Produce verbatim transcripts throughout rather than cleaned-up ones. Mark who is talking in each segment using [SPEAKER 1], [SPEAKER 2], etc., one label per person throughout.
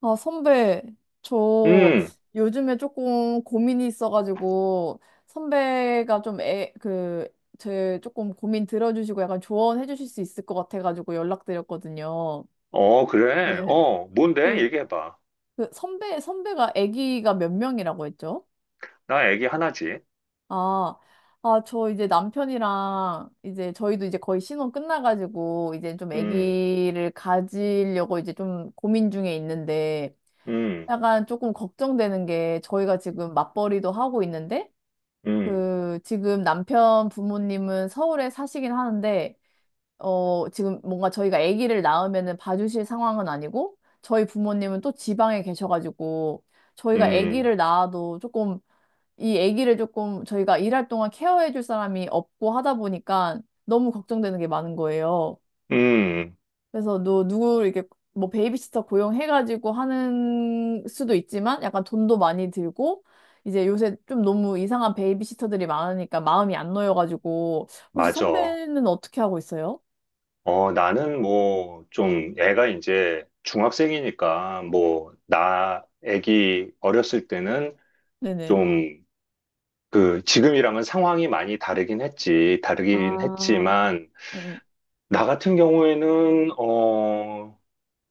[SPEAKER 1] 아, 선배, 저
[SPEAKER 2] 음,
[SPEAKER 1] 요즘에 조금 고민이 있어가지고, 선배가 좀 애, 그, 제 조금 고민 들어주시고 약간 조언해 주실 수 있을 것 같아가지고 연락드렸거든요.
[SPEAKER 2] 어, 그래.
[SPEAKER 1] 네, 네.
[SPEAKER 2] 어, 뭔데?
[SPEAKER 1] 그,
[SPEAKER 2] 얘기해봐.
[SPEAKER 1] 그 선배, 선배가 아기가 몇 명이라고 했죠?
[SPEAKER 2] 나 애기 하나지.
[SPEAKER 1] 아, 아, 저 이제 남편이랑 이제 저희도 이제 거의 신혼 끝나가지고 이제 좀
[SPEAKER 2] 음,
[SPEAKER 1] 아기를 가지려고 이제 좀 고민 중에 있는데,
[SPEAKER 2] 음,
[SPEAKER 1] 약간 조금 걱정되는 게 저희가 지금 맞벌이도 하고 있는데
[SPEAKER 2] 음,
[SPEAKER 1] 그 지금 남편 부모님은 서울에 사시긴 하는데 어 지금 뭔가 저희가 아기를 낳으면은 봐주실 상황은 아니고 저희 부모님은 또 지방에 계셔가지고 저희가
[SPEAKER 2] 음,
[SPEAKER 1] 아기를 낳아도 조금 이 아기를 조금 저희가 일할 동안 케어해줄 사람이 없고 하다 보니까 너무 걱정되는 게 많은 거예요.
[SPEAKER 2] 음,
[SPEAKER 1] 그래서 누, 누구 이렇게 뭐 베이비시터 고용해가지고 하는 수도 있지만 약간 돈도 많이 들고 이제 요새 좀 너무 이상한 베이비시터들이 많으니까 마음이 안 놓여가지고 혹시
[SPEAKER 2] 맞아.
[SPEAKER 1] 선배는 어떻게 하고 있어요?
[SPEAKER 2] 어, 나는 뭐, 좀, 애가 이제 중학생이니까, 뭐, 나 애기 어렸을 때는
[SPEAKER 1] 네네.
[SPEAKER 2] 좀, 그, 지금이랑은 상황이 많이 다르긴 했지. 다르긴
[SPEAKER 1] 아,
[SPEAKER 2] 했지만,
[SPEAKER 1] 네.
[SPEAKER 2] 나 같은 경우에는, 어,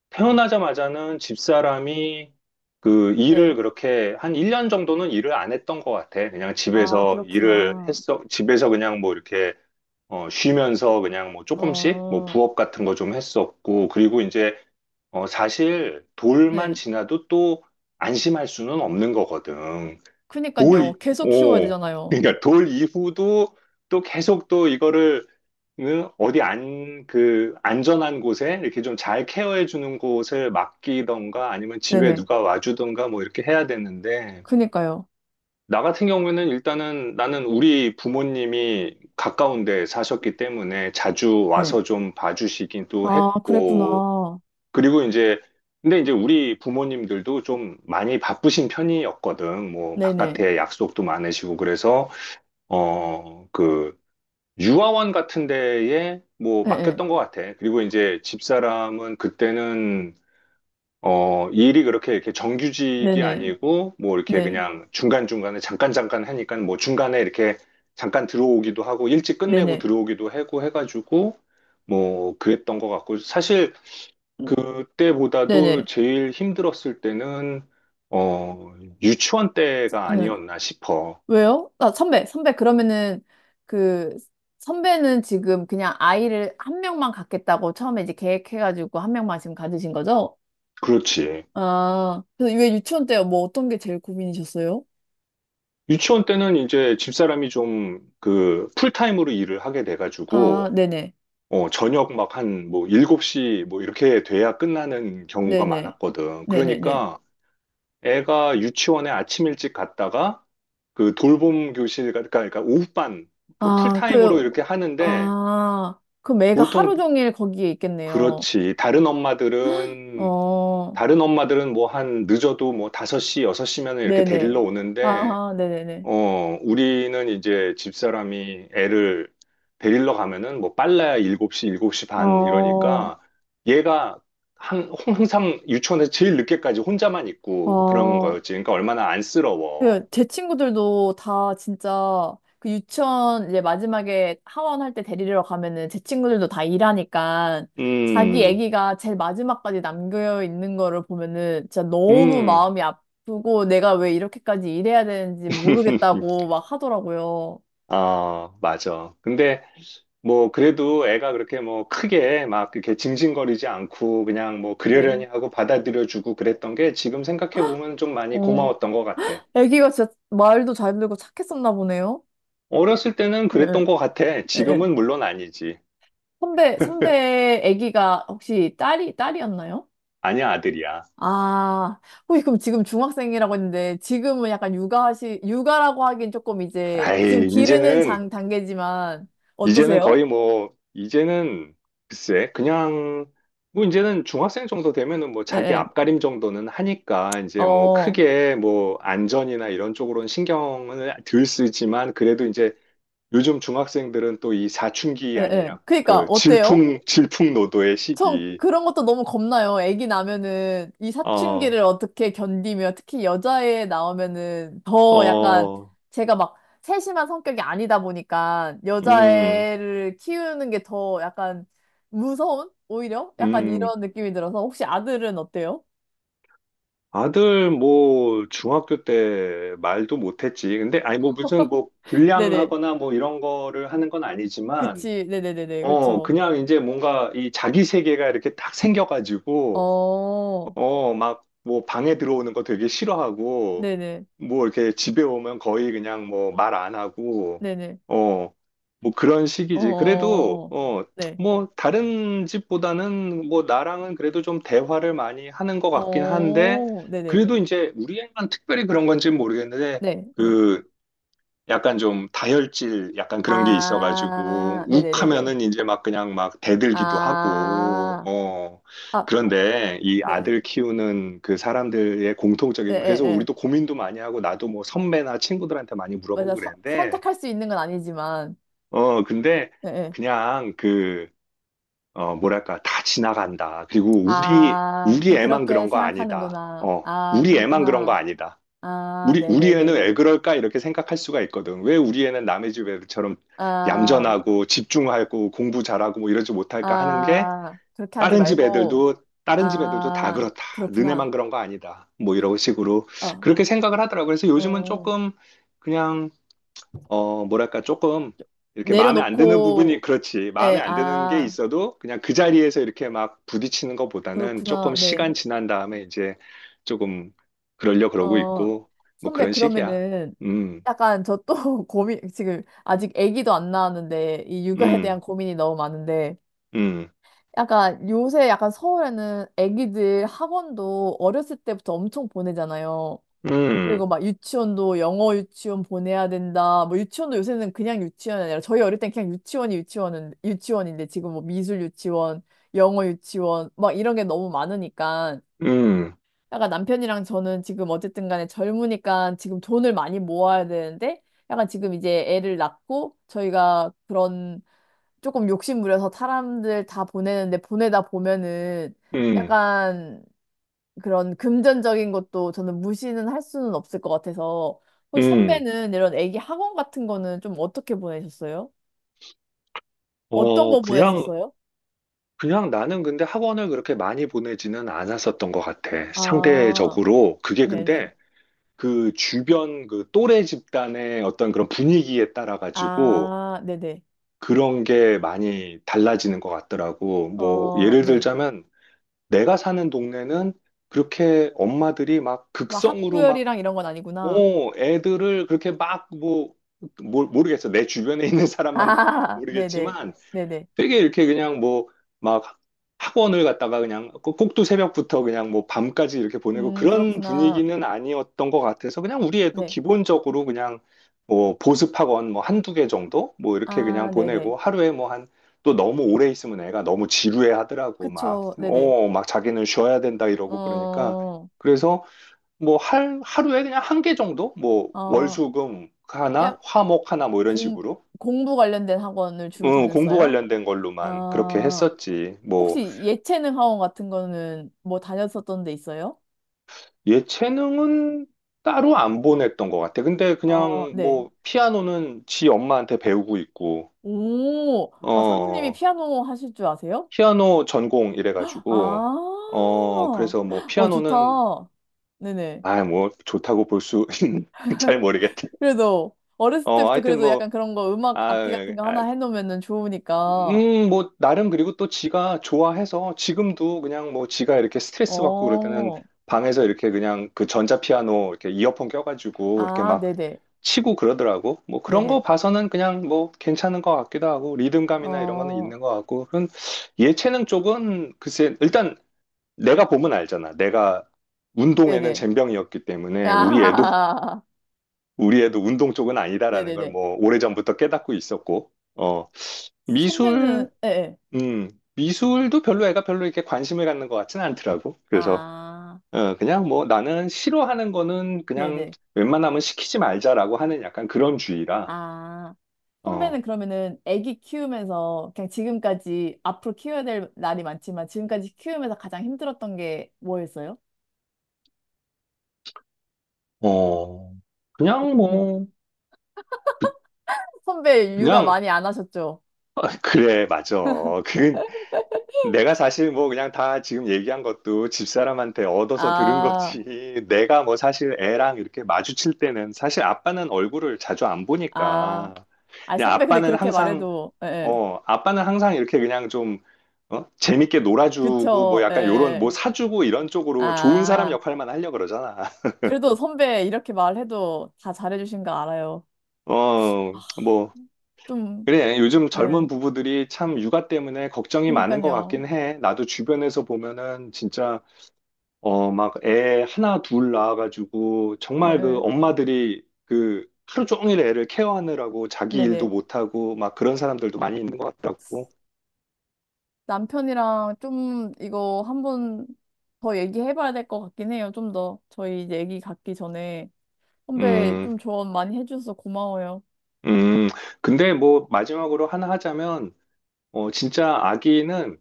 [SPEAKER 2] 태어나자마자는 집사람이 그 일을
[SPEAKER 1] 네.
[SPEAKER 2] 그렇게 한 일 년 정도는 일을 안 했던 것 같아. 그냥
[SPEAKER 1] 아,
[SPEAKER 2] 집에서 일을
[SPEAKER 1] 그렇구나.
[SPEAKER 2] 했어. 집에서 그냥 뭐 이렇게 어, 쉬면서 그냥 뭐 조금씩 뭐
[SPEAKER 1] 어,
[SPEAKER 2] 부업 같은 거 좀 했었고, 그리고 이제 어, 사실 돌만
[SPEAKER 1] 네.
[SPEAKER 2] 지나도 또 안심할 수는 없는 거거든. 돌,
[SPEAKER 1] 그니까요.
[SPEAKER 2] 이-
[SPEAKER 1] 계속 키워야
[SPEAKER 2] 오,
[SPEAKER 1] 되잖아요.
[SPEAKER 2] 그러니까 돌 이후도 또 계속 또 이거를 응? 어디 안, 그 안전한 곳에 이렇게 좀 잘 케어해 주는 곳을 맡기던가 아니면 집에
[SPEAKER 1] 네네.
[SPEAKER 2] 누가 와주던가 뭐 이렇게 해야 되는데,
[SPEAKER 1] 그니까요.
[SPEAKER 2] 나 같은 경우에는 일단은 나는 우리 부모님이 가까운 데 사셨기 때문에 자주
[SPEAKER 1] 네.
[SPEAKER 2] 와서 좀 봐주시기도
[SPEAKER 1] 아,
[SPEAKER 2] 했고,
[SPEAKER 1] 그랬구나.
[SPEAKER 2] 그리고 이제, 근데 이제 우리 부모님들도 좀 많이 바쁘신 편이었거든. 뭐,
[SPEAKER 1] 네네.
[SPEAKER 2] 바깥에 약속도 많으시고, 그래서, 어, 그, 유아원 같은 데에 뭐,
[SPEAKER 1] 네, 네.
[SPEAKER 2] 맡겼던 것 같아. 그리고 이제 집사람은 그때는, 어, 일이 그렇게 이렇게 정규직이
[SPEAKER 1] 네네. 네네.
[SPEAKER 2] 아니고, 뭐, 이렇게
[SPEAKER 1] 네.
[SPEAKER 2] 그냥 중간중간에 잠깐잠깐 하니까, 뭐, 중간에 이렇게 잠깐 들어오기도 하고, 일찍 끝내고
[SPEAKER 1] 네네.
[SPEAKER 2] 들어오기도 하고 해가지고, 뭐, 그랬던 것 같고, 사실,
[SPEAKER 1] 음,
[SPEAKER 2] 그때보다도
[SPEAKER 1] 네네.
[SPEAKER 2] 제일 힘들었을 때는, 어, 유치원 때가
[SPEAKER 1] 네.
[SPEAKER 2] 아니었나 싶어.
[SPEAKER 1] 왜요? 아, 선배, 선배, 그러면은 그 선배는 지금 그냥 아이를 한 명만 갖겠다고 처음에 이제 계획해가지고 한 명만 지금 가지신 거죠?
[SPEAKER 2] 그렇지.
[SPEAKER 1] 아, 그래서 왜 유치원 때요? 뭐 어떤 게 제일 고민이셨어요?
[SPEAKER 2] 유치원 때는 이제 집사람이 좀 그 풀타임으로 일을 하게
[SPEAKER 1] 아,
[SPEAKER 2] 돼가지고,
[SPEAKER 1] 네네.
[SPEAKER 2] 어, 저녁 막 한 뭐 일곱 시 뭐 이렇게 돼야 끝나는 경우가
[SPEAKER 1] 네네.
[SPEAKER 2] 많았거든.
[SPEAKER 1] 네네네.
[SPEAKER 2] 그러니까 애가 유치원에 아침 일찍 갔다가 그 돌봄 교실, 가- 그러니까, 그러니까 오후반 그
[SPEAKER 1] 아,
[SPEAKER 2] 풀타임으로
[SPEAKER 1] 그,
[SPEAKER 2] 이렇게 하는데,
[SPEAKER 1] 아, 그럼 애가
[SPEAKER 2] 보통
[SPEAKER 1] 하루 종일 거기에 있겠네요.
[SPEAKER 2] 그렇지. 다른 엄마들은
[SPEAKER 1] 어,
[SPEAKER 2] 다른 엄마들은 뭐 한 늦어도 뭐 다섯 시, 여섯 시면 이렇게
[SPEAKER 1] 네네.
[SPEAKER 2] 데리러 오는데,
[SPEAKER 1] 아, 네네네.
[SPEAKER 2] 어, 우리는 이제 집사람이 애를 데리러 가면은 뭐 빨라야 일곱 시, 일곱 시 반
[SPEAKER 1] 어,
[SPEAKER 2] 이러니까 얘가 한, 항상 유치원에서 제일 늦게까지 혼자만 있고 그런
[SPEAKER 1] 어.
[SPEAKER 2] 거였지. 그러니까 얼마나 안쓰러워.
[SPEAKER 1] 그, 제 친구들도 다 진짜 그 유치원 이제 마지막에 하원 할 때 데리러 가면은 제 친구들도 다 일하니까 자기
[SPEAKER 2] 음,
[SPEAKER 1] 애기가 제일 마지막까지 남겨 있는 거를 보면은 진짜 너무
[SPEAKER 2] 음.
[SPEAKER 1] 마음이 아프고 내가 왜 이렇게까지 일해야 되는지 모르겠다고 막 하더라고요.
[SPEAKER 2] 아, 맞아. 근데 뭐, 그래도 애가 그렇게 뭐 크게 막 이렇게 징징거리지 않고 그냥 뭐 그러려니
[SPEAKER 1] 네.
[SPEAKER 2] 하고 받아들여주고 그랬던 게 지금 생각해보면 좀 많이
[SPEAKER 1] 어,
[SPEAKER 2] 고마웠던 것 같아.
[SPEAKER 1] 애기가 진짜 말도 잘 들고 착했었나 보네요.
[SPEAKER 2] 어렸을 때는
[SPEAKER 1] 네,
[SPEAKER 2] 그랬던 것 같아.
[SPEAKER 1] 네, 네.
[SPEAKER 2] 지금은 물론 아니지.
[SPEAKER 1] 선배, 선배 애기가 혹시 딸이, 딸이었나요?
[SPEAKER 2] 아니야, 아들이야.
[SPEAKER 1] 아, 혹시 그럼 지금 중학생이라고 했는데, 지금은 약간 육아하시, 육아라고 하긴 조금 이제, 지금
[SPEAKER 2] 아이,
[SPEAKER 1] 기르는
[SPEAKER 2] 이제는,
[SPEAKER 1] 장, 단계지만,
[SPEAKER 2] 이제는
[SPEAKER 1] 어떠세요?
[SPEAKER 2] 거의 뭐, 이제는 글쎄, 그냥 뭐 이제는 중학생 정도 되면은 뭐
[SPEAKER 1] 예,
[SPEAKER 2] 자기
[SPEAKER 1] 예.
[SPEAKER 2] 앞가림 정도는 하니까 이제 뭐
[SPEAKER 1] 어,
[SPEAKER 2] 크게 뭐 안전이나 이런 쪽으로는 신경을 덜 쓰지만 그래도 이제 요즘 중학생들은 또 이 사춘기
[SPEAKER 1] 예, 예.
[SPEAKER 2] 아니냐.
[SPEAKER 1] 그니까,
[SPEAKER 2] 그
[SPEAKER 1] 어때요?
[SPEAKER 2] 질풍, 질풍노도의
[SPEAKER 1] 전
[SPEAKER 2] 시기.
[SPEAKER 1] 그런 것도 너무 겁나요. 아기 나면은 이
[SPEAKER 2] 어,
[SPEAKER 1] 사춘기를 어떻게 견디며 특히 여자애 나오면은 더 약간
[SPEAKER 2] 어,
[SPEAKER 1] 제가 막 세심한 성격이 아니다 보니까
[SPEAKER 2] 음,
[SPEAKER 1] 여자애를 키우는 게 더 약간 무서운? 오히려? 약간
[SPEAKER 2] 음.
[SPEAKER 1] 이런 느낌이 들어서 혹시 아들은 어때요?
[SPEAKER 2] 아들 뭐 중학교 때 말도 못했지. 근데 아니 뭐 무슨 뭐
[SPEAKER 1] 네네.
[SPEAKER 2] 불량하거나 뭐 이런 거를 하는 건 아니지만,
[SPEAKER 1] 그치. 네네네네.
[SPEAKER 2] 어,
[SPEAKER 1] 그쵸.
[SPEAKER 2] 그냥 이제 뭔가 이 자기 세계가 이렇게 딱 생겨가지고,
[SPEAKER 1] 어,
[SPEAKER 2] 어, 막, 뭐, 방에 들어오는 거 되게 싫어하고,
[SPEAKER 1] 네네.
[SPEAKER 2] 뭐, 이렇게 집에 오면 거의 그냥 뭐, 말 안 하고,
[SPEAKER 1] 네네.
[SPEAKER 2] 어, 뭐, 그런 식이지. 그래도,
[SPEAKER 1] 어,
[SPEAKER 2] 어,
[SPEAKER 1] 네.
[SPEAKER 2] 뭐, 다른 집보다는 뭐, 나랑은 그래도 좀 대화를 많이 하는 것 같긴 한데,
[SPEAKER 1] 어, 네네.
[SPEAKER 2] 그래도 이제, 우리 애만 특별히 그런 건지 는 모르겠는데,
[SPEAKER 1] 네. 네.
[SPEAKER 2] 그, 약간 좀 다혈질 약간 그런 게 있어가지고
[SPEAKER 1] 아, 네네네네.
[SPEAKER 2] 욱하면은 이제 막 그냥 막 대들기도 하고.
[SPEAKER 1] 아,
[SPEAKER 2] 어,
[SPEAKER 1] 아,
[SPEAKER 2] 그런데 이
[SPEAKER 1] 네.
[SPEAKER 2] 아들 키우는 그 사람들의
[SPEAKER 1] 예,
[SPEAKER 2] 공통적인,
[SPEAKER 1] 예,
[SPEAKER 2] 그래서
[SPEAKER 1] 예.
[SPEAKER 2] 우리도 고민도 많이 하고 나도 뭐 선배나 친구들한테 많이 물어보고
[SPEAKER 1] 맞아. 서,
[SPEAKER 2] 그랬는데,
[SPEAKER 1] 선택할 수 있는 건 아니지만.
[SPEAKER 2] 어 근데
[SPEAKER 1] 예, 예.
[SPEAKER 2] 그냥 그 어 뭐랄까, 다 지나간다. 그리고 우리
[SPEAKER 1] 아,
[SPEAKER 2] 우리
[SPEAKER 1] 그냥
[SPEAKER 2] 애만
[SPEAKER 1] 그렇게
[SPEAKER 2] 그런 거 아니다.
[SPEAKER 1] 생각하는구나.
[SPEAKER 2] 어,
[SPEAKER 1] 아,
[SPEAKER 2] 우리 애만 그런 거
[SPEAKER 1] 그렇구나.
[SPEAKER 2] 아니다.
[SPEAKER 1] 아,
[SPEAKER 2] 우리, 우리 애는
[SPEAKER 1] 네네네.
[SPEAKER 2] 왜 그럴까? 이렇게 생각할 수가 있거든. 왜 우리 애는 남의 집 애들처럼
[SPEAKER 1] 아,
[SPEAKER 2] 얌전하고 집중하고 공부 잘하고 뭐 이러지 못할까 하는 게,
[SPEAKER 1] 아, 그렇게 하지
[SPEAKER 2] 다른 집
[SPEAKER 1] 말고.
[SPEAKER 2] 애들도, 다른 집 애들도 다
[SPEAKER 1] 아,
[SPEAKER 2] 그렇다.
[SPEAKER 1] 그렇구나.
[SPEAKER 2] 너네만 그런 거 아니다. 뭐 이런 식으로
[SPEAKER 1] 아,
[SPEAKER 2] 그렇게 생각을 하더라고. 그래서 요즘은
[SPEAKER 1] 어,
[SPEAKER 2] 조금 그냥, 어, 뭐랄까, 조금, 이렇게 마음에 안 드는 부분이,
[SPEAKER 1] 내려놓고,
[SPEAKER 2] 그렇지. 마음에
[SPEAKER 1] 예,
[SPEAKER 2] 안 드는 게
[SPEAKER 1] 아,
[SPEAKER 2] 있어도 그냥 그 자리에서 이렇게 막 부딪히는 것보다는
[SPEAKER 1] 그렇구나.
[SPEAKER 2] 조금
[SPEAKER 1] 네.
[SPEAKER 2] 시간 지난 다음에 이제 조금 그러려 그러고
[SPEAKER 1] 어,
[SPEAKER 2] 있고, 뭐
[SPEAKER 1] 선배,
[SPEAKER 2] 그런 식이야.
[SPEAKER 1] 그러면은
[SPEAKER 2] 음,
[SPEAKER 1] 약간 저 또 고민, 지금 아직 아기도 안 낳았는데 이 육아에
[SPEAKER 2] 음,
[SPEAKER 1] 대한 고민이 너무 많은데
[SPEAKER 2] 음,
[SPEAKER 1] 약간 요새 약간 서울에는 아기들 학원도 어렸을 때부터 엄청 보내잖아요.
[SPEAKER 2] 음,
[SPEAKER 1] 그리고 막 유치원도 영어 유치원 보내야 된다. 뭐 유치원도 요새는 그냥 유치원이 아니라 저희 어릴 땐 그냥 유치원이 유치원은 유치원인데 지금 뭐 미술 유치원, 영어 유치원 막 이런 게 너무 많으니까
[SPEAKER 2] 음,
[SPEAKER 1] 약간 남편이랑 저는 지금 어쨌든 간에 젊으니까 지금 돈을 많이 모아야 되는데 약간 지금 이제 애를 낳고 저희가 그런 조금 욕심부려서 사람들 다 보내는데 보내다 보면은
[SPEAKER 2] 음,
[SPEAKER 1] 약간 그런 금전적인 것도 저는 무시는 할 수는 없을 것 같아서 혹시
[SPEAKER 2] 음.
[SPEAKER 1] 선배는 이런 애기 학원 같은 거는 좀 어떻게 보내셨어요? 어떤
[SPEAKER 2] 어,
[SPEAKER 1] 거
[SPEAKER 2] 그냥,
[SPEAKER 1] 보냈었어요?
[SPEAKER 2] 그냥 나는 근데 학원을 그렇게 많이 보내지는 않았었던 것 같아.
[SPEAKER 1] 아,
[SPEAKER 2] 상대적으로. 그게
[SPEAKER 1] 네네.
[SPEAKER 2] 근데, 그 주변 그 또래 집단의 어떤 그런 분위기에 따라 가지고
[SPEAKER 1] 아, 네네.
[SPEAKER 2] 그런 게 많이 달라지는 것 같더라고. 뭐
[SPEAKER 1] 어,
[SPEAKER 2] 예를
[SPEAKER 1] 네.
[SPEAKER 2] 들자면 내가 사는 동네는 그렇게 엄마들이 막
[SPEAKER 1] 막
[SPEAKER 2] 극성으로 막,
[SPEAKER 1] 학부열이랑 이런 건 아니구나.
[SPEAKER 2] 어, 애들을 그렇게 막 뭐, 모- 르겠어 내 주변에 있는 사람만 그런지
[SPEAKER 1] 아, 네네.
[SPEAKER 2] 모르겠지만
[SPEAKER 1] 네네.
[SPEAKER 2] 되게 이렇게 그냥 뭐 막 학원을 갔다가 그냥 꼭- 꼭두 새벽부터 그냥 뭐 밤까지 이렇게 보내고
[SPEAKER 1] 음,
[SPEAKER 2] 그런
[SPEAKER 1] 그렇구나.
[SPEAKER 2] 분위기는 아니었던 것 같아서, 그냥 우리 애도
[SPEAKER 1] 네.
[SPEAKER 2] 기본적으로 그냥 뭐 보습 학원 뭐 한두 개 정도 뭐 이렇게 그냥
[SPEAKER 1] 아, 네네.
[SPEAKER 2] 보내고 하루에 뭐 한, 또 너무 오래 있으면 애가 너무 지루해 하더라고. 막
[SPEAKER 1] 그쵸. 네네.
[SPEAKER 2] 어 막 자기는 쉬어야 된다 이러고. 그러니까
[SPEAKER 1] 어,
[SPEAKER 2] 그래서 뭐 할, 하루에 그냥 한 개 정도 뭐
[SPEAKER 1] 어,
[SPEAKER 2] 월수금 하나
[SPEAKER 1] 약,
[SPEAKER 2] 화목 하나 뭐 이런
[SPEAKER 1] 공,
[SPEAKER 2] 식으로,
[SPEAKER 1] 공부 관련된 학원을 주로
[SPEAKER 2] 어, 공부
[SPEAKER 1] 다녔어요?
[SPEAKER 2] 관련된 걸로만 그렇게
[SPEAKER 1] 아,
[SPEAKER 2] 했었지. 뭐,
[SPEAKER 1] 혹시 예체능 학원 같은 거는 뭐 다녔었던 데 있어요?
[SPEAKER 2] 예체능은 따로 안 보냈던 것 같아. 근데
[SPEAKER 1] 어,
[SPEAKER 2] 그냥
[SPEAKER 1] 네.
[SPEAKER 2] 뭐, 피아노는 지 엄마한테 배우고 있고,
[SPEAKER 1] 오, 아, 사모님이
[SPEAKER 2] 어,
[SPEAKER 1] 피아노 하실 줄 아세요?
[SPEAKER 2] 피아노 전공 이래가지고,
[SPEAKER 1] 아,
[SPEAKER 2] 어, 그래서 뭐,
[SPEAKER 1] 어,
[SPEAKER 2] 피아노는,
[SPEAKER 1] 좋다. 네네.
[SPEAKER 2] 아, 뭐, 좋다고 볼 수, 잘 모르겠다.
[SPEAKER 1] 그래도 어렸을
[SPEAKER 2] 어,
[SPEAKER 1] 때부터
[SPEAKER 2] 하여튼
[SPEAKER 1] 그래도
[SPEAKER 2] 뭐,
[SPEAKER 1] 약간 그런 거 음악
[SPEAKER 2] 아,
[SPEAKER 1] 악기 같은 거
[SPEAKER 2] 아,
[SPEAKER 1] 하나 해놓으면은 좋으니까.
[SPEAKER 2] 음, 뭐, 나름 그리고 또 지가 좋아해서 지금도 그냥 뭐 지가 이렇게 스트레스 받고 그럴 때는
[SPEAKER 1] 어,
[SPEAKER 2] 방에서 이렇게 그냥 그 전자피아노 이렇게 이어폰 껴가지고 이렇게
[SPEAKER 1] 아,
[SPEAKER 2] 막
[SPEAKER 1] 네네.
[SPEAKER 2] 치고 그러더라고. 뭐 그런
[SPEAKER 1] 네네.
[SPEAKER 2] 거 봐서는 그냥 뭐 괜찮은 것 같기도 하고 리듬감이나 이런 거는
[SPEAKER 1] 어,
[SPEAKER 2] 있는 것 같고. 그런 예체능 쪽은 글쎄, 일단 내가 보면 알잖아. 내가 운동에는
[SPEAKER 1] 네네.
[SPEAKER 2] 젬병이었기 때문에 우리 애도,
[SPEAKER 1] 아,
[SPEAKER 2] 우리 애도 운동 쪽은 아니다라는 걸
[SPEAKER 1] 네네네.
[SPEAKER 2] 뭐 오래전부터 깨닫고 있었고. 어. 미술,
[SPEAKER 1] 선배는, 예, 예.
[SPEAKER 2] 음, 미술도 별로 애가 별로 이렇게 관심을 갖는 것 같진 않더라고. 그래서,
[SPEAKER 1] 아,
[SPEAKER 2] 어, 그냥 뭐 나는 싫어하는 거는 그냥
[SPEAKER 1] 네네.
[SPEAKER 2] 웬만하면 시키지 말자라고 하는 약간 그런 주의라,
[SPEAKER 1] 아, 선배는
[SPEAKER 2] 어,
[SPEAKER 1] 그러면은 애기 키우면서 그냥 지금까지 앞으로 키워야 될 날이 많지만 지금까지 키우면서 가장 힘들었던 게 뭐였어요?
[SPEAKER 2] 어,
[SPEAKER 1] 어,
[SPEAKER 2] 그냥
[SPEAKER 1] 음.
[SPEAKER 2] 뭐,
[SPEAKER 1] 선배 육아
[SPEAKER 2] 그냥,
[SPEAKER 1] 많이 안 하셨죠?
[SPEAKER 2] 그래, 맞아. 그, 내가 사실 뭐 그냥 다 지금 얘기한 것도 집사람한테 얻어서 들은
[SPEAKER 1] 아,
[SPEAKER 2] 거지. 내가 뭐 사실 애랑 이렇게 마주칠 때는 사실 아빠는 얼굴을 자주 안
[SPEAKER 1] 아.
[SPEAKER 2] 보니까
[SPEAKER 1] 아,
[SPEAKER 2] 그냥
[SPEAKER 1] 선배, 근데
[SPEAKER 2] 아빠는
[SPEAKER 1] 그렇게
[SPEAKER 2] 항상,
[SPEAKER 1] 말해도, 예, 예.
[SPEAKER 2] 어, 아빠는 항상 이렇게 그냥 좀, 어? 재밌게 놀아주고, 뭐
[SPEAKER 1] 그쵸, 예,
[SPEAKER 2] 약간 요런, 뭐
[SPEAKER 1] 예.
[SPEAKER 2] 사주고 이런 쪽으로 좋은 사람
[SPEAKER 1] 아,
[SPEAKER 2] 역할만 하려고 그러잖아.
[SPEAKER 1] 그래도 선배 이렇게 말해도 다 잘해주신 거 알아요.
[SPEAKER 2] 어, 뭐,
[SPEAKER 1] 좀,
[SPEAKER 2] 그래. 요즘
[SPEAKER 1] 예,
[SPEAKER 2] 젊은 부부들이 참 육아 때문에 걱정이 많은 것
[SPEAKER 1] 그니까요.
[SPEAKER 2] 같긴 해. 나도 주변에서 보면은 진짜, 어, 막 애 하나 둘 낳아가지고,
[SPEAKER 1] 예,
[SPEAKER 2] 정말 그
[SPEAKER 1] 예.
[SPEAKER 2] 엄마들이 그 하루 종일 애를 케어하느라고 자기 일도
[SPEAKER 1] 네네.
[SPEAKER 2] 못하고, 막 그런 사람들도 많이 있는 것 같더라고.
[SPEAKER 1] 남편이랑 좀 이거 한번 더 얘기해봐야 될 것 같긴 해요. 좀 더. 저희 이제 얘기 갖기 전에. 선배
[SPEAKER 2] 음,
[SPEAKER 1] 좀 조언 많이 해주셔서 고마워요.
[SPEAKER 2] 음. 근데 뭐 마지막으로 하나 하자면, 어, 진짜 아기는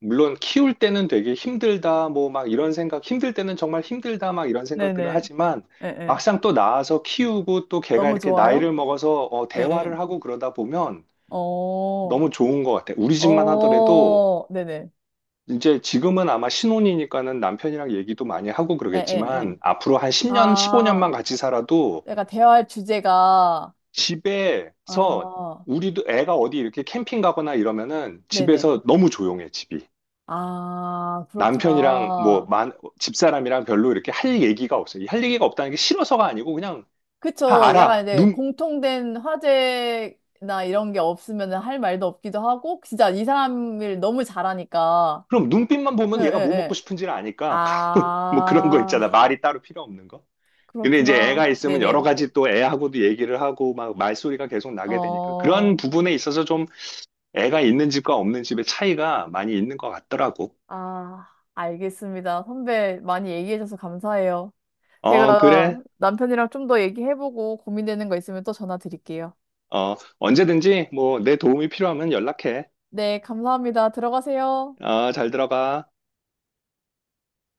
[SPEAKER 2] 물론 키울 때는 되게 힘들다, 뭐 막 이런 생각, 힘들 때는 정말 힘들다, 막 이런 생각들을
[SPEAKER 1] 네네.
[SPEAKER 2] 하지만
[SPEAKER 1] 예, 예.
[SPEAKER 2] 막상 또 낳아서 키우고 또 걔가
[SPEAKER 1] 너무
[SPEAKER 2] 이렇게
[SPEAKER 1] 좋아요?
[SPEAKER 2] 나이를 먹어서, 어,
[SPEAKER 1] 예, 예.
[SPEAKER 2] 대화를 하고 그러다 보면
[SPEAKER 1] 어,
[SPEAKER 2] 너무 좋은 것 같아. 우리 집만 하더라도
[SPEAKER 1] 어, 네네.
[SPEAKER 2] 이제 지금은 아마 신혼이니까는 남편이랑 얘기도 많이 하고
[SPEAKER 1] 예, 예, 예.
[SPEAKER 2] 그러겠지만 앞으로 한 십 년,
[SPEAKER 1] 아,
[SPEAKER 2] 십오 년만 같이 살아도
[SPEAKER 1] 내가 대화할 주제가,
[SPEAKER 2] 집에서,
[SPEAKER 1] 아,
[SPEAKER 2] 우리도 애가 어디 이렇게 캠핑 가거나 이러면은
[SPEAKER 1] 네네.
[SPEAKER 2] 집에서 너무 조용해, 집이.
[SPEAKER 1] 아,
[SPEAKER 2] 남편이랑 뭐
[SPEAKER 1] 그렇구나.
[SPEAKER 2] 만, 집사람이랑 별로 이렇게 할 얘기가 없어요. 이할 얘기가 없다는 게 싫어서가 아니고 그냥 다
[SPEAKER 1] 그쵸. 약간
[SPEAKER 2] 알아.
[SPEAKER 1] 이제
[SPEAKER 2] 눈
[SPEAKER 1] 공통된 화제나 이런 게 없으면 할 말도 없기도 하고, 진짜 이 사람을 너무 잘하니까.
[SPEAKER 2] 그럼 눈빛만
[SPEAKER 1] 예,
[SPEAKER 2] 보면
[SPEAKER 1] 예,
[SPEAKER 2] 얘가 뭐 먹고
[SPEAKER 1] 예.
[SPEAKER 2] 싶은지를 아니까. 뭐 그런 거
[SPEAKER 1] 아,
[SPEAKER 2] 있잖아. 말이 따로 필요 없는 거. 근데 이제
[SPEAKER 1] 그렇구나.
[SPEAKER 2] 애가 있으면 여러
[SPEAKER 1] 네네.
[SPEAKER 2] 가지 또 애하고도 얘기를 하고 막 말소리가 계속 나게 되니까 그런
[SPEAKER 1] 어,
[SPEAKER 2] 부분에 있어서 좀 애가 있는 집과 없는 집의 차이가 많이 있는 것 같더라고.
[SPEAKER 1] 아, 알겠습니다. 선배 많이 얘기해줘서 감사해요.
[SPEAKER 2] 어,
[SPEAKER 1] 제가
[SPEAKER 2] 그래.
[SPEAKER 1] 남편이랑 좀 더 얘기해보고 고민되는 거 있으면 또 전화 드릴게요.
[SPEAKER 2] 어, 언제든지 뭐 내 도움이 필요하면 연락해.
[SPEAKER 1] 네, 감사합니다. 들어가세요.
[SPEAKER 2] 어, 잘 들어가.